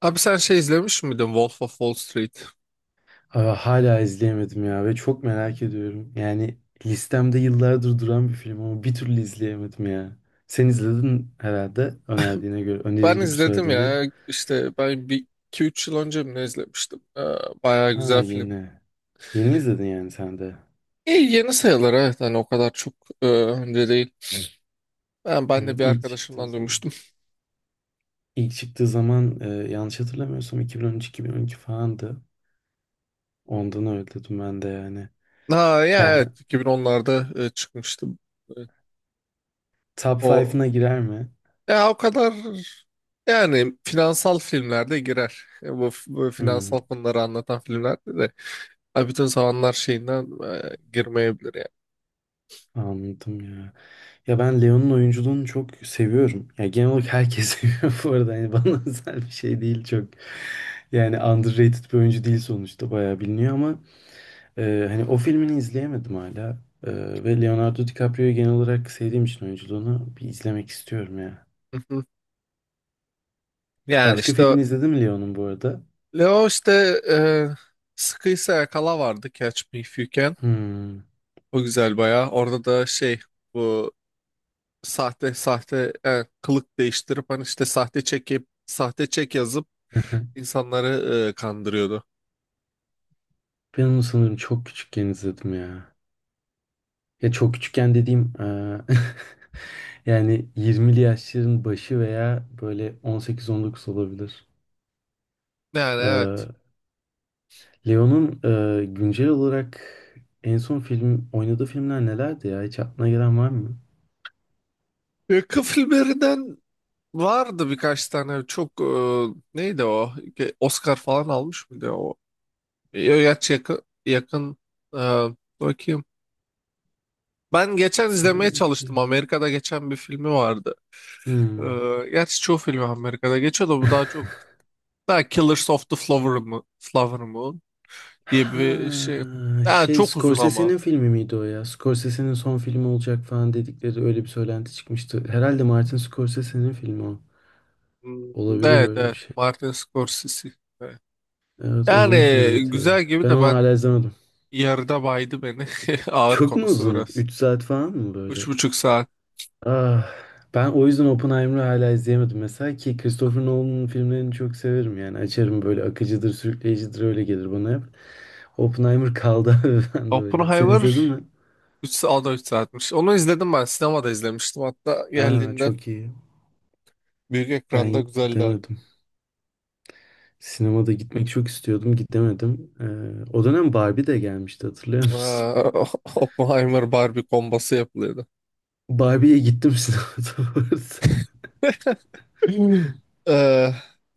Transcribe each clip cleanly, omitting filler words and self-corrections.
Abi sen şey izlemiş miydin Wolf of Wall Street? Aa, hala izleyemedim ya ve çok merak ediyorum. Yani listemde yıllardır duran bir film ama bir türlü izleyemedim ya. Sen izledin herhalde önerdiğine göre. Önerir Ben gibi izledim söyledim bir. ya işte ben bir iki üç yıl önce mi ne izlemiştim. Bayağı Ha güzel film. yeni. Yeni izledin yani sen de. İyi yeni sayılır, evet, hani o kadar çok önce değil. Ben de Evet bir ilk çıktığı arkadaşımdan zaman. duymuştum. İlk çıktığı zaman yanlış hatırlamıyorsam 2013-2012 falandı. Ondan öyle dedim ben de yani. Ha ya Ben evet 2010'larda çıkmıştı. E, top O 5'ına girer mi? ya o kadar, yani finansal filmlerde girer. Bu Hmm, finansal konuları anlatan filmlerde de ha, bütün zamanlar şeyinden girmeyebilir yani. anladım ya. Ya ben Leon'un oyunculuğunu çok seviyorum. Ya genel olarak herkes seviyor bu arada. Yani bana özel bir şey değil çok. Yani underrated bir oyuncu değil sonuçta. Bayağı biliniyor ama hani o filmini izleyemedim hala. E, ve Leonardo DiCaprio'yu genel olarak sevdiğim için oyunculuğunu bir izlemek istiyorum ya. Hı hı. Yani Başka işte filmini izledin mi Leon'un bu arada? Leo işte, e, sıkıysa yakala vardı, Catch Me If You Can. Hmm. O güzel bayağı. Orada da şey, bu sahte kılık değiştirip hani işte sahte çekip sahte çek yazıp insanları kandırıyordu. Ben onu sanırım çok küçükken izledim ya. Ya çok küçükken dediğim, yani 20'li yaşların başı veya böyle 18-19 olabilir. Yani evet. Eee, Leon'un güncel olarak en son film oynadığı filmler nelerdi ya? Hiç aklına gelen var mı? Yakın filmlerinden vardı birkaç tane çok, neydi o? Ge- Oscar falan almış mıydı o? Yaç yakın yakın, e, bakayım. Ben geçen izlemeye Sanki. çalıştım. Amerika'da geçen bir filmi vardı. Hmm. Gerçi çoğu film Amerika'da geçiyor da bu daha çok, daha Killers of the Flower Moon, Flower Moon diye bir şey. Ha, Yani şey çok uzun ama. Scorsese'nin filmi miydi o ya? Scorsese'nin son filmi olacak falan dedikleri öyle bir söylenti çıkmıştı. Herhalde Martin Scorsese'nin filmi o. Hmm. Olabilir Evet öyle bir evet, şey. Martin Scorsese. Evet. Evet Yani onun filmiydi. güzel gibi Ben de onu ben hala izlemedim. yarıda baydı beni. Ağır Çok mu konusu uzun? biraz. 3 saat falan mı Üç böyle? buçuk saat. Ah, ben o yüzden Oppenheimer'ı hala izleyemedim. Mesela ki Christopher Nolan'ın filmlerini çok severim yani. Açarım böyle akıcıdır, sürükleyicidir öyle gelir bana hep. Oppenheimer kaldı abi ben de öyle. Sen izledin Oppenheimer mi? 3 saat, 3 saatmiş. Onu izledim ben. Sinemada izlemiştim. Hatta Aa geldiğinde çok iyi. büyük ekranda Ben güzeldi, harbi. gidemedim. Sinemada gitmek çok istiyordum, gidemedim. O dönem Barbie de gelmişti hatırlıyor Ee, musun? Oppenheimer Barbie kombası yapılıyordu. Barbie'ye gittim sinemada bu arada. Ee,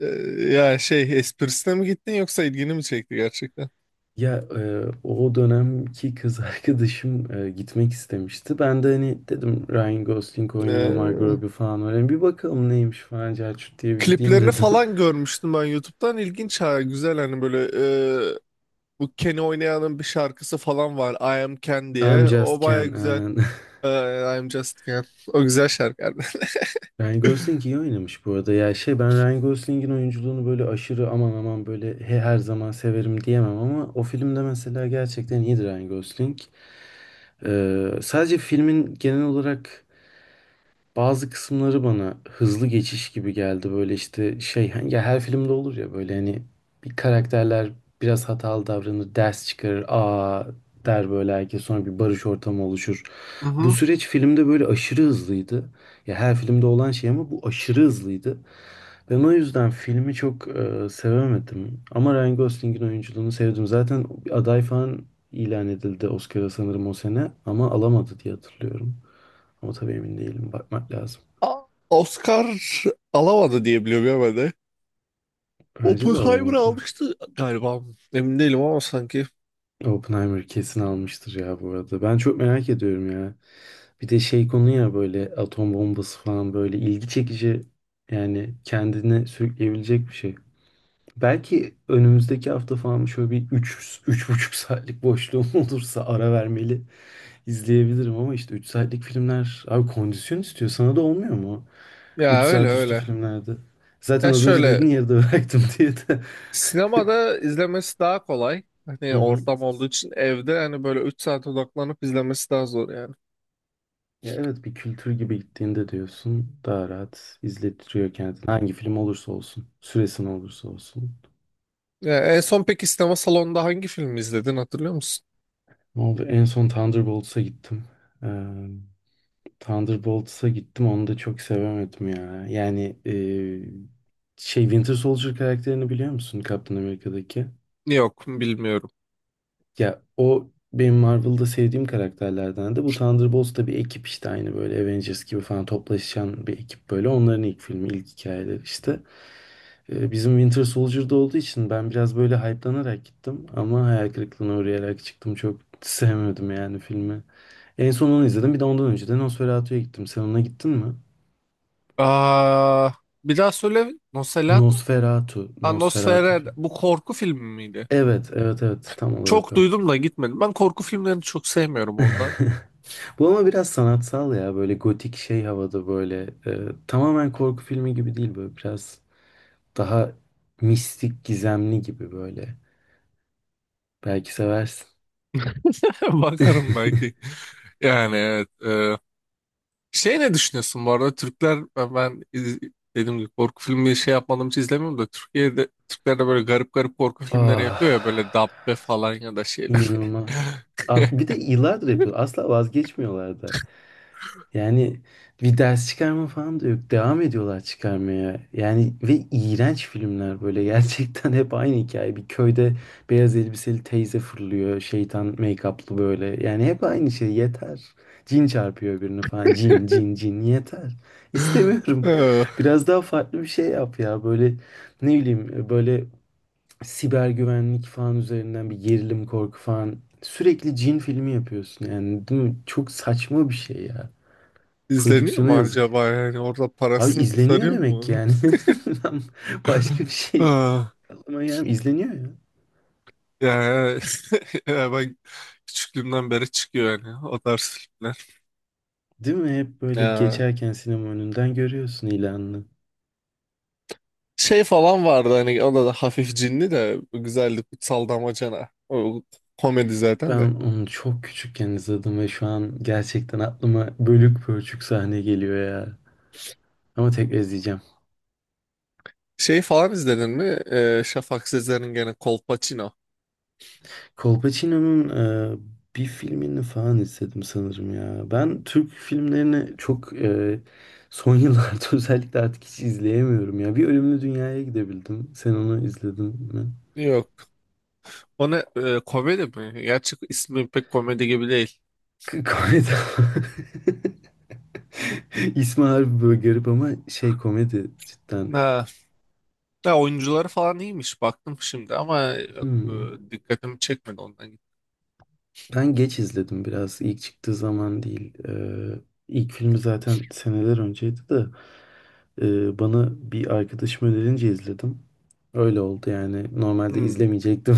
e, ya şey esprisine mi gittin yoksa ilgini mi çekti gerçekten? Ya o dönemki kız arkadaşım gitmek istemişti. Ben de hani dedim Ryan Gosling oynuyor, Margot Ee, Robbie falan var. Hani bir bakalım neymiş falan Celçut diye bir gideyim Kliplerini dedim. falan görmüştüm ben YouTube'dan. İlginç ha, güzel hani böyle, e, bu Keni oynayanın bir şarkısı falan var, I Am Ken I'm diye. O Just baya Ken güzel. aynen. I Am Just Ken. O güzel şarkı. Ryan Gosling iyi oynamış bu arada. Ya şey ben Ryan Gosling'in oyunculuğunu böyle aşırı aman aman böyle her zaman severim diyemem ama o filmde mesela gerçekten iyidir Ryan Gosling. E, Sadece filmin genel olarak bazı kısımları bana hızlı geçiş gibi geldi. Böyle işte şey hani ya her filmde olur ya böyle hani bir karakterler biraz hatalı davranır, ders çıkarır, aa der böyle herkes sonra bir barış ortamı oluşur. Bu Mhm. süreç filmde böyle aşırı hızlıydı. Ya her filmde olan şey ama bu aşırı hızlıydı. Ben o yüzden filmi çok sevemedim. Ama Ryan Gosling'in oyunculuğunu sevdim. Zaten aday falan ilan edildi Oscar'a sanırım o sene ama alamadı diye hatırlıyorum. Ama tabii emin değilim. Bakmak lazım. A- Oscar alamadı diye biliyorum ya ben de. Bence de Oppenheimer alamadı. almıştı galiba. Emin değilim ama sanki. Oppenheimer kesin almıştır ya bu arada. Ben çok merak ediyorum ya. Bir de şey konu ya böyle atom bombası falan böyle ilgi çekici yani kendine sürükleyebilecek bir şey. Belki önümüzdeki hafta falan şöyle bir 3 buçuk saatlik boşluğum olursa ara vermeli izleyebilirim ama işte 3 saatlik filmler abi kondisyon istiyor. Sana da olmuyor mu? Ya 3 öyle saat üstü öyle. filmlerde. Zaten Ya az önce şöyle, dedin yarıda bıraktım diye de. sinemada izlemesi daha kolay. Hı Hani hı. ortam olduğu için evde hani böyle 3 saat odaklanıp izlemesi daha zor yani. Ya evet bir kültür gibi gittiğinde diyorsun daha rahat izletiyor kendini. Hangi film olursa olsun, süresi ne olursa olsun. Ya en son peki sinema salonunda hangi filmi izledin, hatırlıyor musun? Ne oldu? En son Thunderbolts'a gittim. Ee, Thunderbolts'a gittim onu da çok sevemedim ya. Yani şey Winter Soldier karakterini biliyor musun Captain America'daki? Yok bilmiyorum. Ya o benim Marvel'da sevdiğim karakterlerden de bu Thunderbolts da bir ekip işte aynı böyle Avengers gibi falan toplaşan bir ekip böyle. Onların ilk filmi, ilk hikayeleri işte. Bizim Winter Soldier'da olduğu için ben biraz böyle hype'lanarak gittim ama hayal kırıklığına uğrayarak çıktım. Çok sevmedim yani filmi. En son onu izledim. Bir de ondan önce de Nosferatu'ya gittim. Sen ona gittin mi? Aa, bir daha söyle. Nosferatu? Nosferatu. Aa, Nosferatu Nosferatu. film. Bu korku filmi miydi? Evet, evet, evet. Tam olarak Çok o. duydum da gitmedim. Ben korku filmlerini çok sevmiyorum ondan. Bu ama biraz sanatsal ya. Böyle gotik şey havada böyle. Tamamen korku filmi gibi değil böyle. Biraz daha mistik, gizemli gibi böyle. Belki seversin. Bakarım belki. Yani evet. Şey ne düşünüyorsun bu arada? Türkler, ben iz- dediğim gibi korku filmi şey yapmadığım için izlemiyorum da, Türkiye'de Türkler de böyle garip garip korku filmleri Ah. yapıyor ya, böyle Dabbe falan ya da şeyler. İnanılmaz. Bir de yıllardır yapıyor. Asla vazgeçmiyorlar da. Yani bir ders çıkarma falan da yok. Devam ediyorlar çıkarmaya. Yani ve iğrenç filmler böyle. Gerçekten hep aynı hikaye. Bir köyde beyaz elbiseli teyze fırlıyor. Şeytan make-up'lı böyle. Yani hep aynı şey. Yeter. Cin çarpıyor birini falan. Cin, cin, cin. Yeter. İstemiyorum. Ee, Biraz daha farklı bir şey yap ya. Böyle ne bileyim böyle siber güvenlik falan üzerinden bir gerilim korku falan sürekli cin filmi yapıyorsun yani değil mi? Çok saçma bir şey ya. İzleniyor Prodüksiyona mu yazık. acaba, yani orada Abi parasını izleniyor kurtarıyor demek ki mu? yani. Ben başka bir şey Ee, aklıma gelmiyor. İzleniyor ya. Yani, ya ben küçüklüğümden beri çıkıyor yani o tarz filmler. Değil mi? Hep böyle Ya, geçerken sinema önünden görüyorsun ilanını. şey falan vardı hani, o da hafif cinli de güzeldi, Kutsal Damacana. O komedi zaten Ben de. onu çok küçükken izledim ve şu an gerçekten aklıma bölük pörçük sahne geliyor ya. Ama tekrar izleyeceğim. Şey falan izledin mi? Şafak Sezer'in gene Kolpaçino. Colpacino'nun bir filmini falan izledim sanırım ya. Ben Türk filmlerini çok son yıllarda özellikle artık hiç izleyemiyorum ya. Bir Ölümlü Dünya'ya gidebildim. Sen onu izledin mi? Yok. O ne, komedi mi? Gerçi ismi pek komedi gibi değil. Komedi. İsmi harbi böyle garip ama şey komedi cidden. Ha, ya oyuncuları falan iyiymiş baktım şimdi ama yok, Hmm. dikkatimi çekmedi ondan. Ben geç izledim biraz. İlk çıktığı zaman değil. İlk filmi zaten seneler önceydi de. Bana bir arkadaşım önerince izledim. Öyle oldu yani. Normalde Hmm. izlemeyecektim.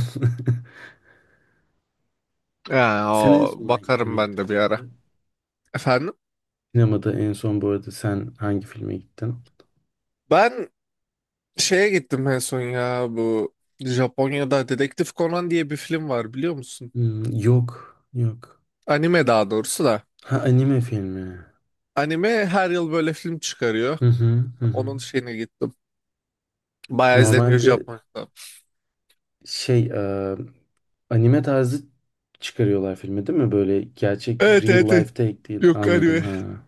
Ya, Sen en o, son hangi bakarım filme ben gittin de bir bu ara. arada? Efendim? Sinemada en son bu arada sen hangi filme gittin? Ben şeye gittim en son, ya bu Japonya'da Dedektif Conan diye bir film var, biliyor musun? Hmm, yok, yok. Anime daha doğrusu da. Ha anime filmi. Anime her yıl böyle film çıkarıyor. Hı hı, hı hı. Onun şeyine gittim. Bayağı izleniyor Normalde Japonya'da. şey anime tarzı çıkarıyorlar filmi değil mi? Böyle gerçek Evet real evet, evet. life take değil. Yok, Anladım anime. ha.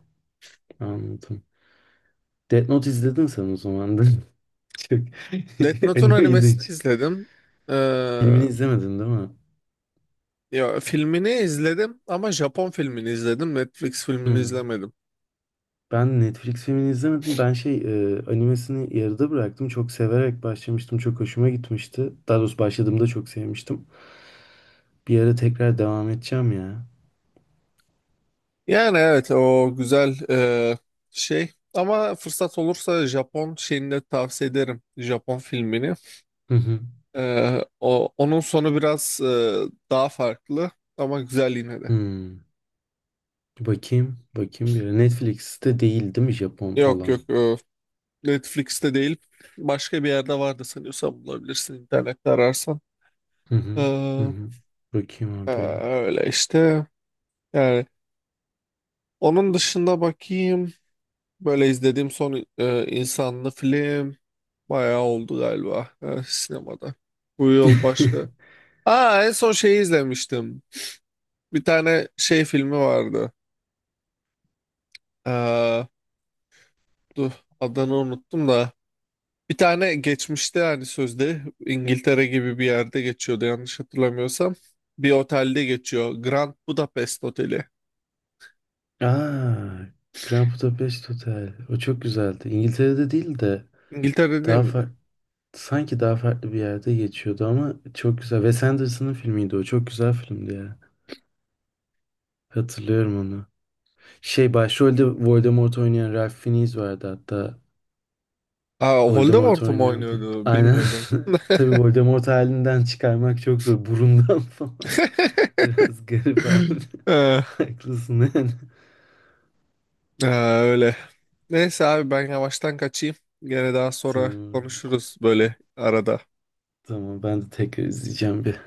Anladım. Death Note izledin sen o zaman da. Çok Death Note'un animeydin. animesini izledim. Ee, Filmini izlemedin değil mi? ya, filmini izledim ama Japon filmini izledim. Netflix filmini Hmm. izlemedim. Ben Netflix filmini izlemedim. Ben şey animesini yarıda bıraktım. Çok severek başlamıştım. Çok hoşuma gitmişti. Daha doğrusu başladığımda çok sevmiştim. Bir ara tekrar devam edeceğim ya. Yani evet o güzel, şey ama fırsat olursa Japon şeyini de tavsiye ederim. Japon filmini. Hı hı. E, o, onun sonu biraz, daha farklı, ama güzel yine de. Hmm. Bakayım. Bakayım bir ara. Netflix'te değil değil mi Japon Yok olan? yok, Netflix'te değil, başka bir yerde vardı sanıyorsam, bulabilirsin internette ararsan. Hı E, hı. Hı hı. Bakayım e, abi ya. öyle işte, yani onun dışında bakayım. Böyle izlediğim son insanlı film bayağı oldu galiba sinemada. Bu yıl başka. Aa en son şeyi izlemiştim. Bir tane şey filmi vardı. Ee, dur, adını unuttum da. Bir tane geçmişte hani sözde İngiltere gibi bir yerde geçiyordu yanlış hatırlamıyorsam. Bir otelde geçiyor. Grand Budapest Oteli. Aa, Grand Budapest Hotel. O çok güzeldi. İngiltere'de değil de İngiltere'de daha miydi? farklı. Sanki daha farklı bir yerde geçiyordu ama çok güzel. Wes Anderson'ın filmiydi o. Çok güzel filmdi ya. Hatırlıyorum onu. Şey başrolde Voldemort oynayan Ralph Fiennes vardı hatta. Aa Voldemort Voldemort mu oynuyordu. oynuyordu? Aynen. Bilmiyordum. Tabii Voldemort halinden çıkarmak çok zor. Burundan falan. Biraz garip abi. Ee, Haklısın yani. Ha, öyle. Neyse abi ben yavaştan kaçayım. Gene daha sonra Tamam. konuşuruz böyle arada. Tamam ben de tekrar izleyeceğim bir.